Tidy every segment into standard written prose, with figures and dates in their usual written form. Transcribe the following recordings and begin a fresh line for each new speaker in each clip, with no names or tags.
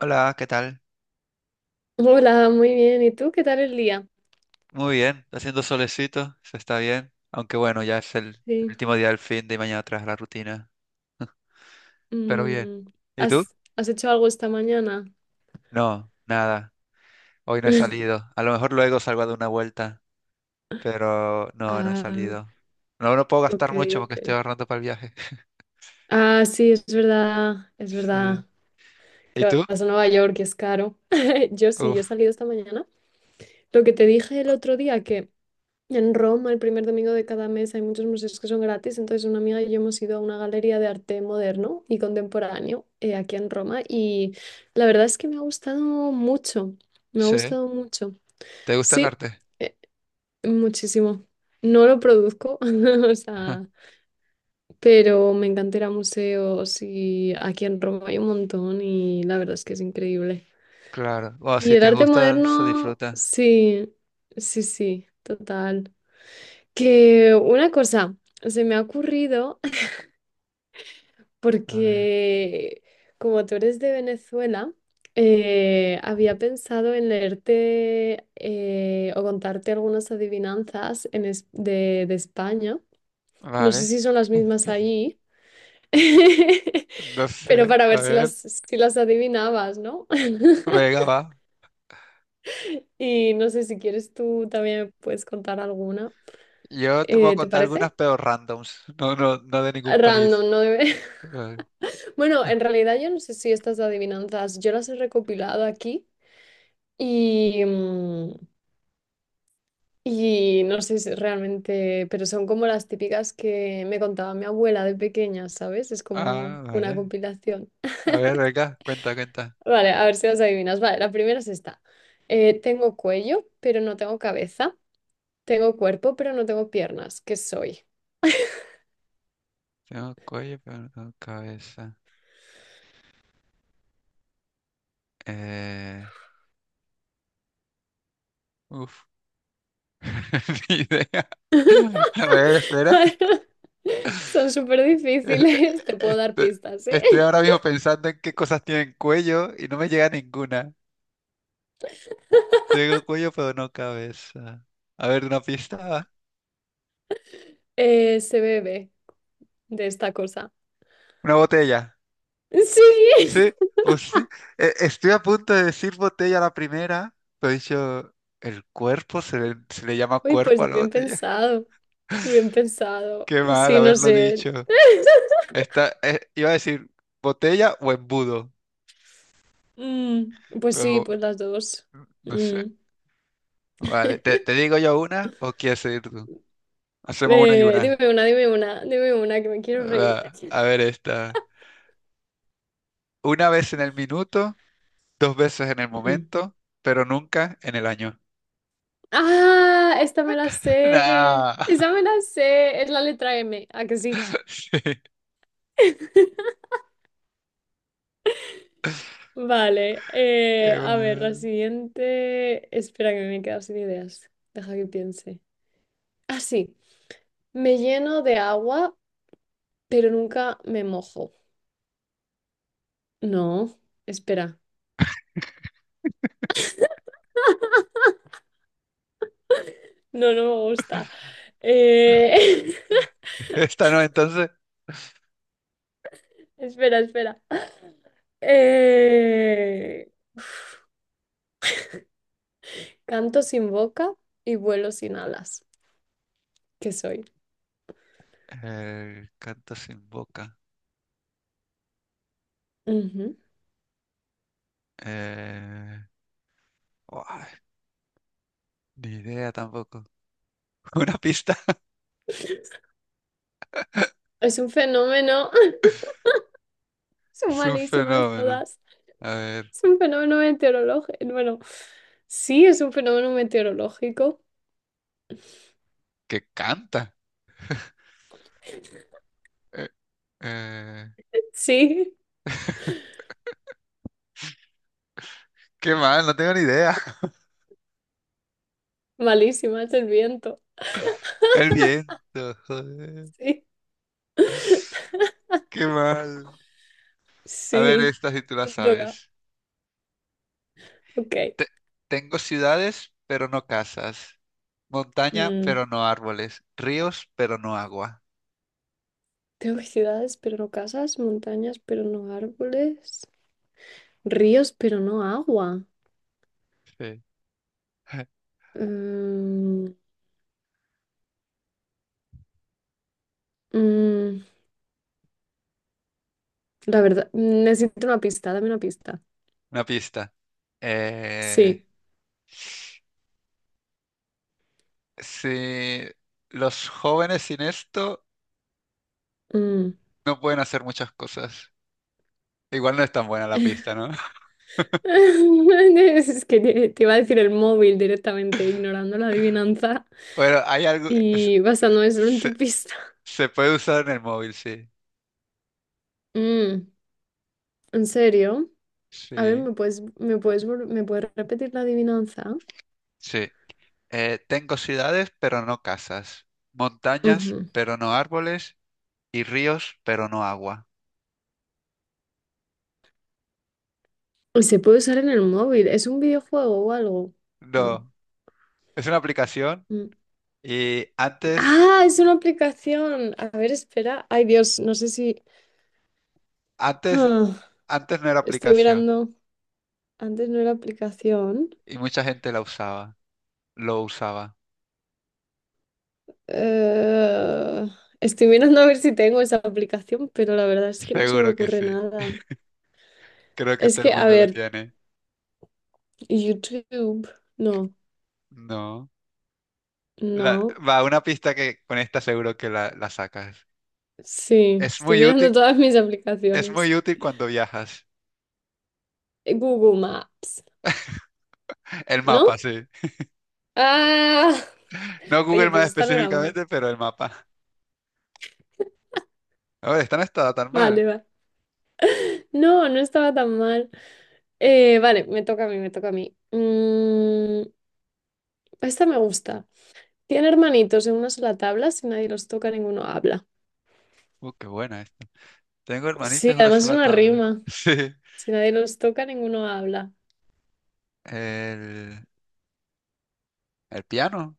Hola, ¿qué tal?
Hola, muy bien. ¿Y tú qué tal el día?
Muy bien, está haciendo solecito, se está bien. Aunque bueno, ya es el
Sí.
último día del fin de y mañana tras la rutina. Pero bien.
Mm,
¿Y tú?
¿¿Has hecho algo esta mañana?
No, nada. Hoy no he salido. A lo mejor luego salgo a dar una vuelta, pero no he
Ah,
salido. No, no puedo
ok,
gastar mucho
ok.
porque estoy ahorrando para el viaje.
Ah, sí, es verdad, es
Sí.
verdad.
¿Y
Que
tú?
vas a Nueva York y es caro. Yo sí, yo he
Uf,
salido esta mañana. Lo que te dije el otro día, que en Roma, el primer domingo de cada mes, hay muchos museos que son gratis. Entonces, una amiga y yo hemos ido a una galería de arte moderno y contemporáneo aquí en Roma. Y la verdad es que me ha gustado mucho. Me ha
sí.
gustado mucho.
¿Te gusta el
Sí,
arte?
eh, muchísimo. No lo produzco, o sea, pero me encanta ir a museos y aquí en Roma hay un montón y la verdad es que es increíble.
Claro. O
Y
si
el
te
arte
gusta, se
moderno,
disfruta.
sí, sí, sí, total. Que una cosa se me ha ocurrido
A ver.
porque como tú eres de Venezuela, había pensado en leerte o contarte algunas adivinanzas de España. No sé
Vale.
si son las mismas allí,
No
pero
sé.
para ver
A
si las,
ver.
si las adivinabas, ¿no?
Venga, va.
Y no sé si quieres tú también me puedes contar alguna.
Yo te puedo
¿Te
contar
parece?
algunas pero randoms, no de ningún país.
Random, ¿no?
Vale.
Bueno,
Ah,
en realidad yo no sé si estas adivinanzas, yo las he recopilado aquí y, y no sé si realmente, pero son como las típicas que me contaba mi abuela de pequeña, ¿sabes? Es como
ah,
una
vale.
compilación.
A ver, venga, cuenta, cuenta.
Vale, a ver si las adivinas. Vale, la primera es esta. Tengo cuello, pero no tengo cabeza. Tengo cuerpo, pero no tengo piernas. ¿Qué soy?
Tengo cuello, pero no tengo cabeza. Eh, uf, ni idea. A ver, espera.
Vale, son súper
Es- e-
difíciles. Te
e-
puedo dar
este-
pistas, ¿eh?
Estoy ahora mismo pensando en qué cosas tienen cuello y no me llega ninguna. Tengo cuello, pero no cabeza. A ver, una pista.
Se bebe de esta cosa.
Una botella.
Sí.
Sí, o sí. Estoy a punto de decir botella la primera, pero he dicho el cuerpo, se le llama
Uy,
cuerpo a
pues
la
bien
botella.
pensado. Bien pensado.
Qué mal
Sí, no
haberlo
sé.
dicho. Esta, iba a decir botella o embudo,
Mm, pues sí,
pero
pues las dos.
no sé.
Mm.
Vale, ¿te, te digo yo una o quieres seguir tú? Hacemos una y
Dime
una.
una, dime una, dime una, que me quiero reír.
Va, a ver esta. Una vez en el minuto, dos veces en el
Mm.
momento, pero nunca en el año.
Ah, esta me la sé.
Nah.
Esa me la sé. Es la letra M. ¿A que sí?
Sí,
Vale.
qué
A ver, la
mal.
siguiente. Espera que me he quedado sin ideas. Deja que piense. Ah, sí. Me lleno de agua, pero nunca me mojo. No, espera. No, no me gusta. Eh,
Esta no, entonces.
Espera, espera. Uf. Canto sin boca y vuelo sin alas. ¿Qué soy?
Canto sin boca.
Ujú.
Eh, uah, ni idea tampoco. Una pista.
Es un fenómeno, son
Es un
malísimas
fenómeno.
todas.
A ver,
Es un fenómeno meteorológico. Bueno, sí, es un fenómeno meteorológico.
que canta. Eh, eh,
Sí,
qué mal, no tengo ni idea.
malísima, es el viento.
El viento, joder.
Sí,
Qué mal. A ver,
sí,
esta si tú la
me toca.
sabes.
Ok.
Te- tengo ciudades, pero no casas. Montaña,
Mm,
pero no árboles. Ríos, pero no agua.
tengo ciudades, pero no casas, montañas, pero no árboles, ríos, pero no agua.
Sí.
Mm, mm, La verdad, necesito una pista, dame una pista.
Una pista. Eh,
Sí.
si los jóvenes sin esto
mm.
no pueden hacer muchas cosas. Igual no es tan buena la pista, ¿no?
Es que te iba a decir el móvil directamente, ignorando la adivinanza
Bueno, hay algo...
y basándome solo en tu
Se,
pista.
se puede usar en el móvil, sí.
Mm, ¿en serio? A ver,
Sí,
¿ me puedes repetir la adivinanza?
sí. Tengo ciudades, pero no casas. Montañas,
Ujú.
pero no árboles. Y ríos, pero no agua.
Y se puede usar en el móvil. ¿Es un videojuego o algo? No.
No, es una aplicación
Mm.
y
Ah, es una aplicación. A ver, espera. Ay, Dios, no sé si...
antes,
Ah,
antes no era
estoy
aplicación
mirando. Antes no era aplicación.
y mucha gente la usaba, lo usaba.
Eh, estoy mirando a ver si tengo esa aplicación, pero la verdad es que no se me
Seguro que
ocurre
sí.
nada.
Creo que
Es
todo el
que, a
mundo lo
ver,
tiene.
YouTube, no,
No.
no,
Va una pista que con esta seguro que la sacas.
sí,
Es
estoy
muy
mirando
útil,
todas mis
es
aplicaciones.
muy útil cuando viajas.
Google Maps,
El mapa,
¿no?
sí.
Ah,
No
oye,
Google
pues
Maps
esta no era mal.
específicamente, pero el mapa. A ver, esta no está tan mal.
Vale, va. No, no estaba tan mal. Vale, me toca a mí, me toca a mí. Mm, esta me gusta. Tiene hermanitos en una sola tabla, si nadie los toca, ninguno habla.
Qué buena esta. Tengo
Sí,
hermanitas en una
además es
sola
una
tabla.
rima.
Sí.
Si nadie los toca, ninguno habla.
El, el piano.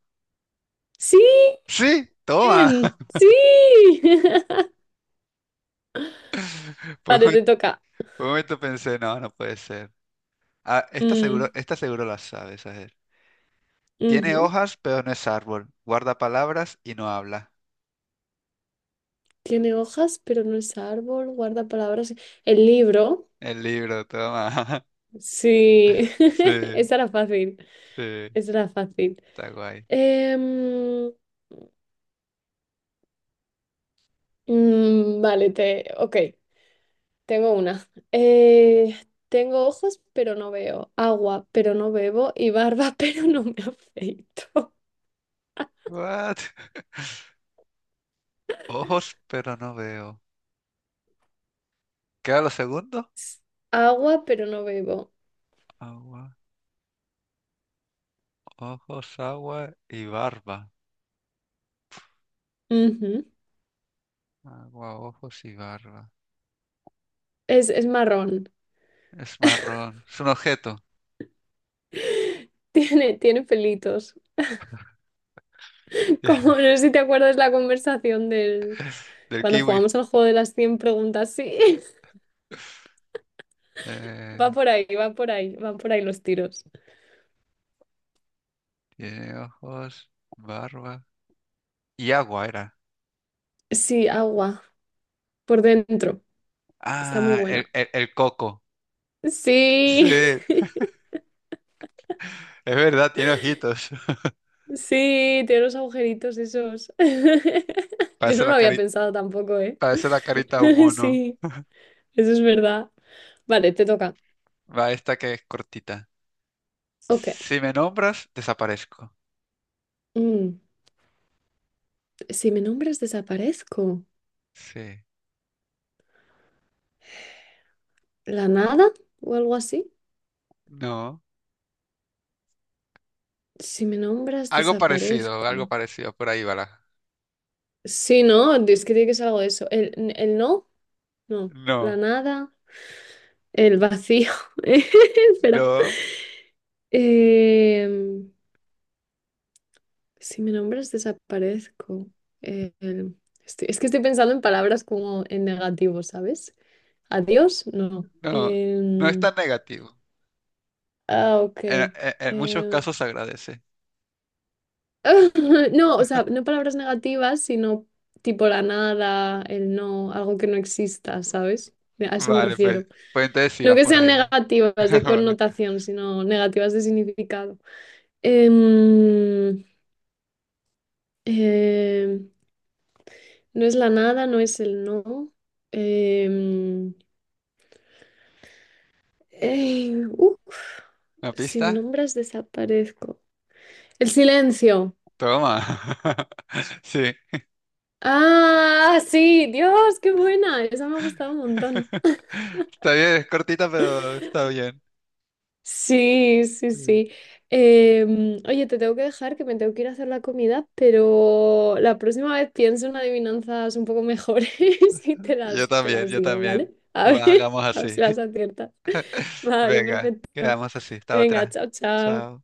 ¡Sí!
Sí, toma.
¡Bien! ¡Sí!
Por un,
Vale,
momento
te toca.
por un momento pensé, no, no puede ser. Ah,
Mm,
esta seguro la sabes, a ver. Tiene
ujú.
hojas, pero no es árbol. Guarda palabras y no habla.
Tiene hojas, pero no es árbol. Guarda palabras. El libro.
El libro, toma.
Sí.
Sí,
Esa era fácil.
sí,
Esa era fácil.
está guay.
Em, vale, te. Ok, tengo una. Tengo ojos, pero no veo. Agua, pero no bebo. Y barba, pero no me afeito.
What? Ojos, pero no veo. ¿Qué era lo segundo?
Agua, pero no bebo.
Agua, ojos, agua y barba.
Ujú.
Agua, ojos y barba.
Es marrón.
Es marrón. Es un objeto
Tiene, tiene pelitos. Como no sé si te acuerdas la conversación del
del
cuando
kiwi.
jugamos al juego de las 100 preguntas. Sí,
Eh,
va por ahí, van por ahí los tiros.
tiene ojos, barba y agua era.
Sí, agua, por dentro. Está muy
Ah,
buena.
el coco. Sí,
Sí,
es verdad, tiene ojitos.
sí, tiene los agujeritos esos. Yo
Parece
no lo había pensado tampoco, ¿eh?
parece la carita de un mono.
Sí, eso es verdad. Vale, te toca.
Va esta que es cortita.
Ok.
Si me nombras, desaparezco.
Mm. Si me nombras, desaparezco.
Sí.
¿La nada o algo así?
No.
Si me nombras,
Algo parecido, algo
desaparezco.
parecido. Por ahí va la.
Sí, no, es que tiene que ser algo de eso. El no, no. La
No,
nada, el vacío. Espera.
no,
Em, si me nombras, desaparezco. El- es que estoy pensando en palabras como en negativo, ¿sabes? Adiós, no.
no. No es tan negativo.
Ah, ok.
En, en- en muchos
Em,
casos se agradece.
No, o sea, no palabras negativas, sino tipo la nada, el no, algo que no exista, ¿sabes? A eso me
Vale, pues,
refiero.
pues entonces sí
No
vas
que
por
sean
ahí.
negativas de
Vale.
connotación, sino negativas de significado. Em, em, no es la nada, no es el no. Em, eh, uf,
¿Una
si me
pista?
nombras, desaparezco. El silencio.
Toma. Sí.
Ah, sí, Dios, qué buena. Esa me ha gustado un montón.
Está bien, es cortita, pero está bien.
Sí, sí,
Sí.
sí. Oye, te tengo que dejar que me tengo que ir a hacer la comida, pero la próxima vez pienso en adivinanzas un poco mejores y te
Yo
las, te
también,
las
yo
digo,
también.
¿vale? A ver,
Va, hagamos
a ver
así.
si las aciertas. Vale,
Venga,
perfecto.
quedamos así. Hasta
Venga,
otra.
chao, chao.
Chao.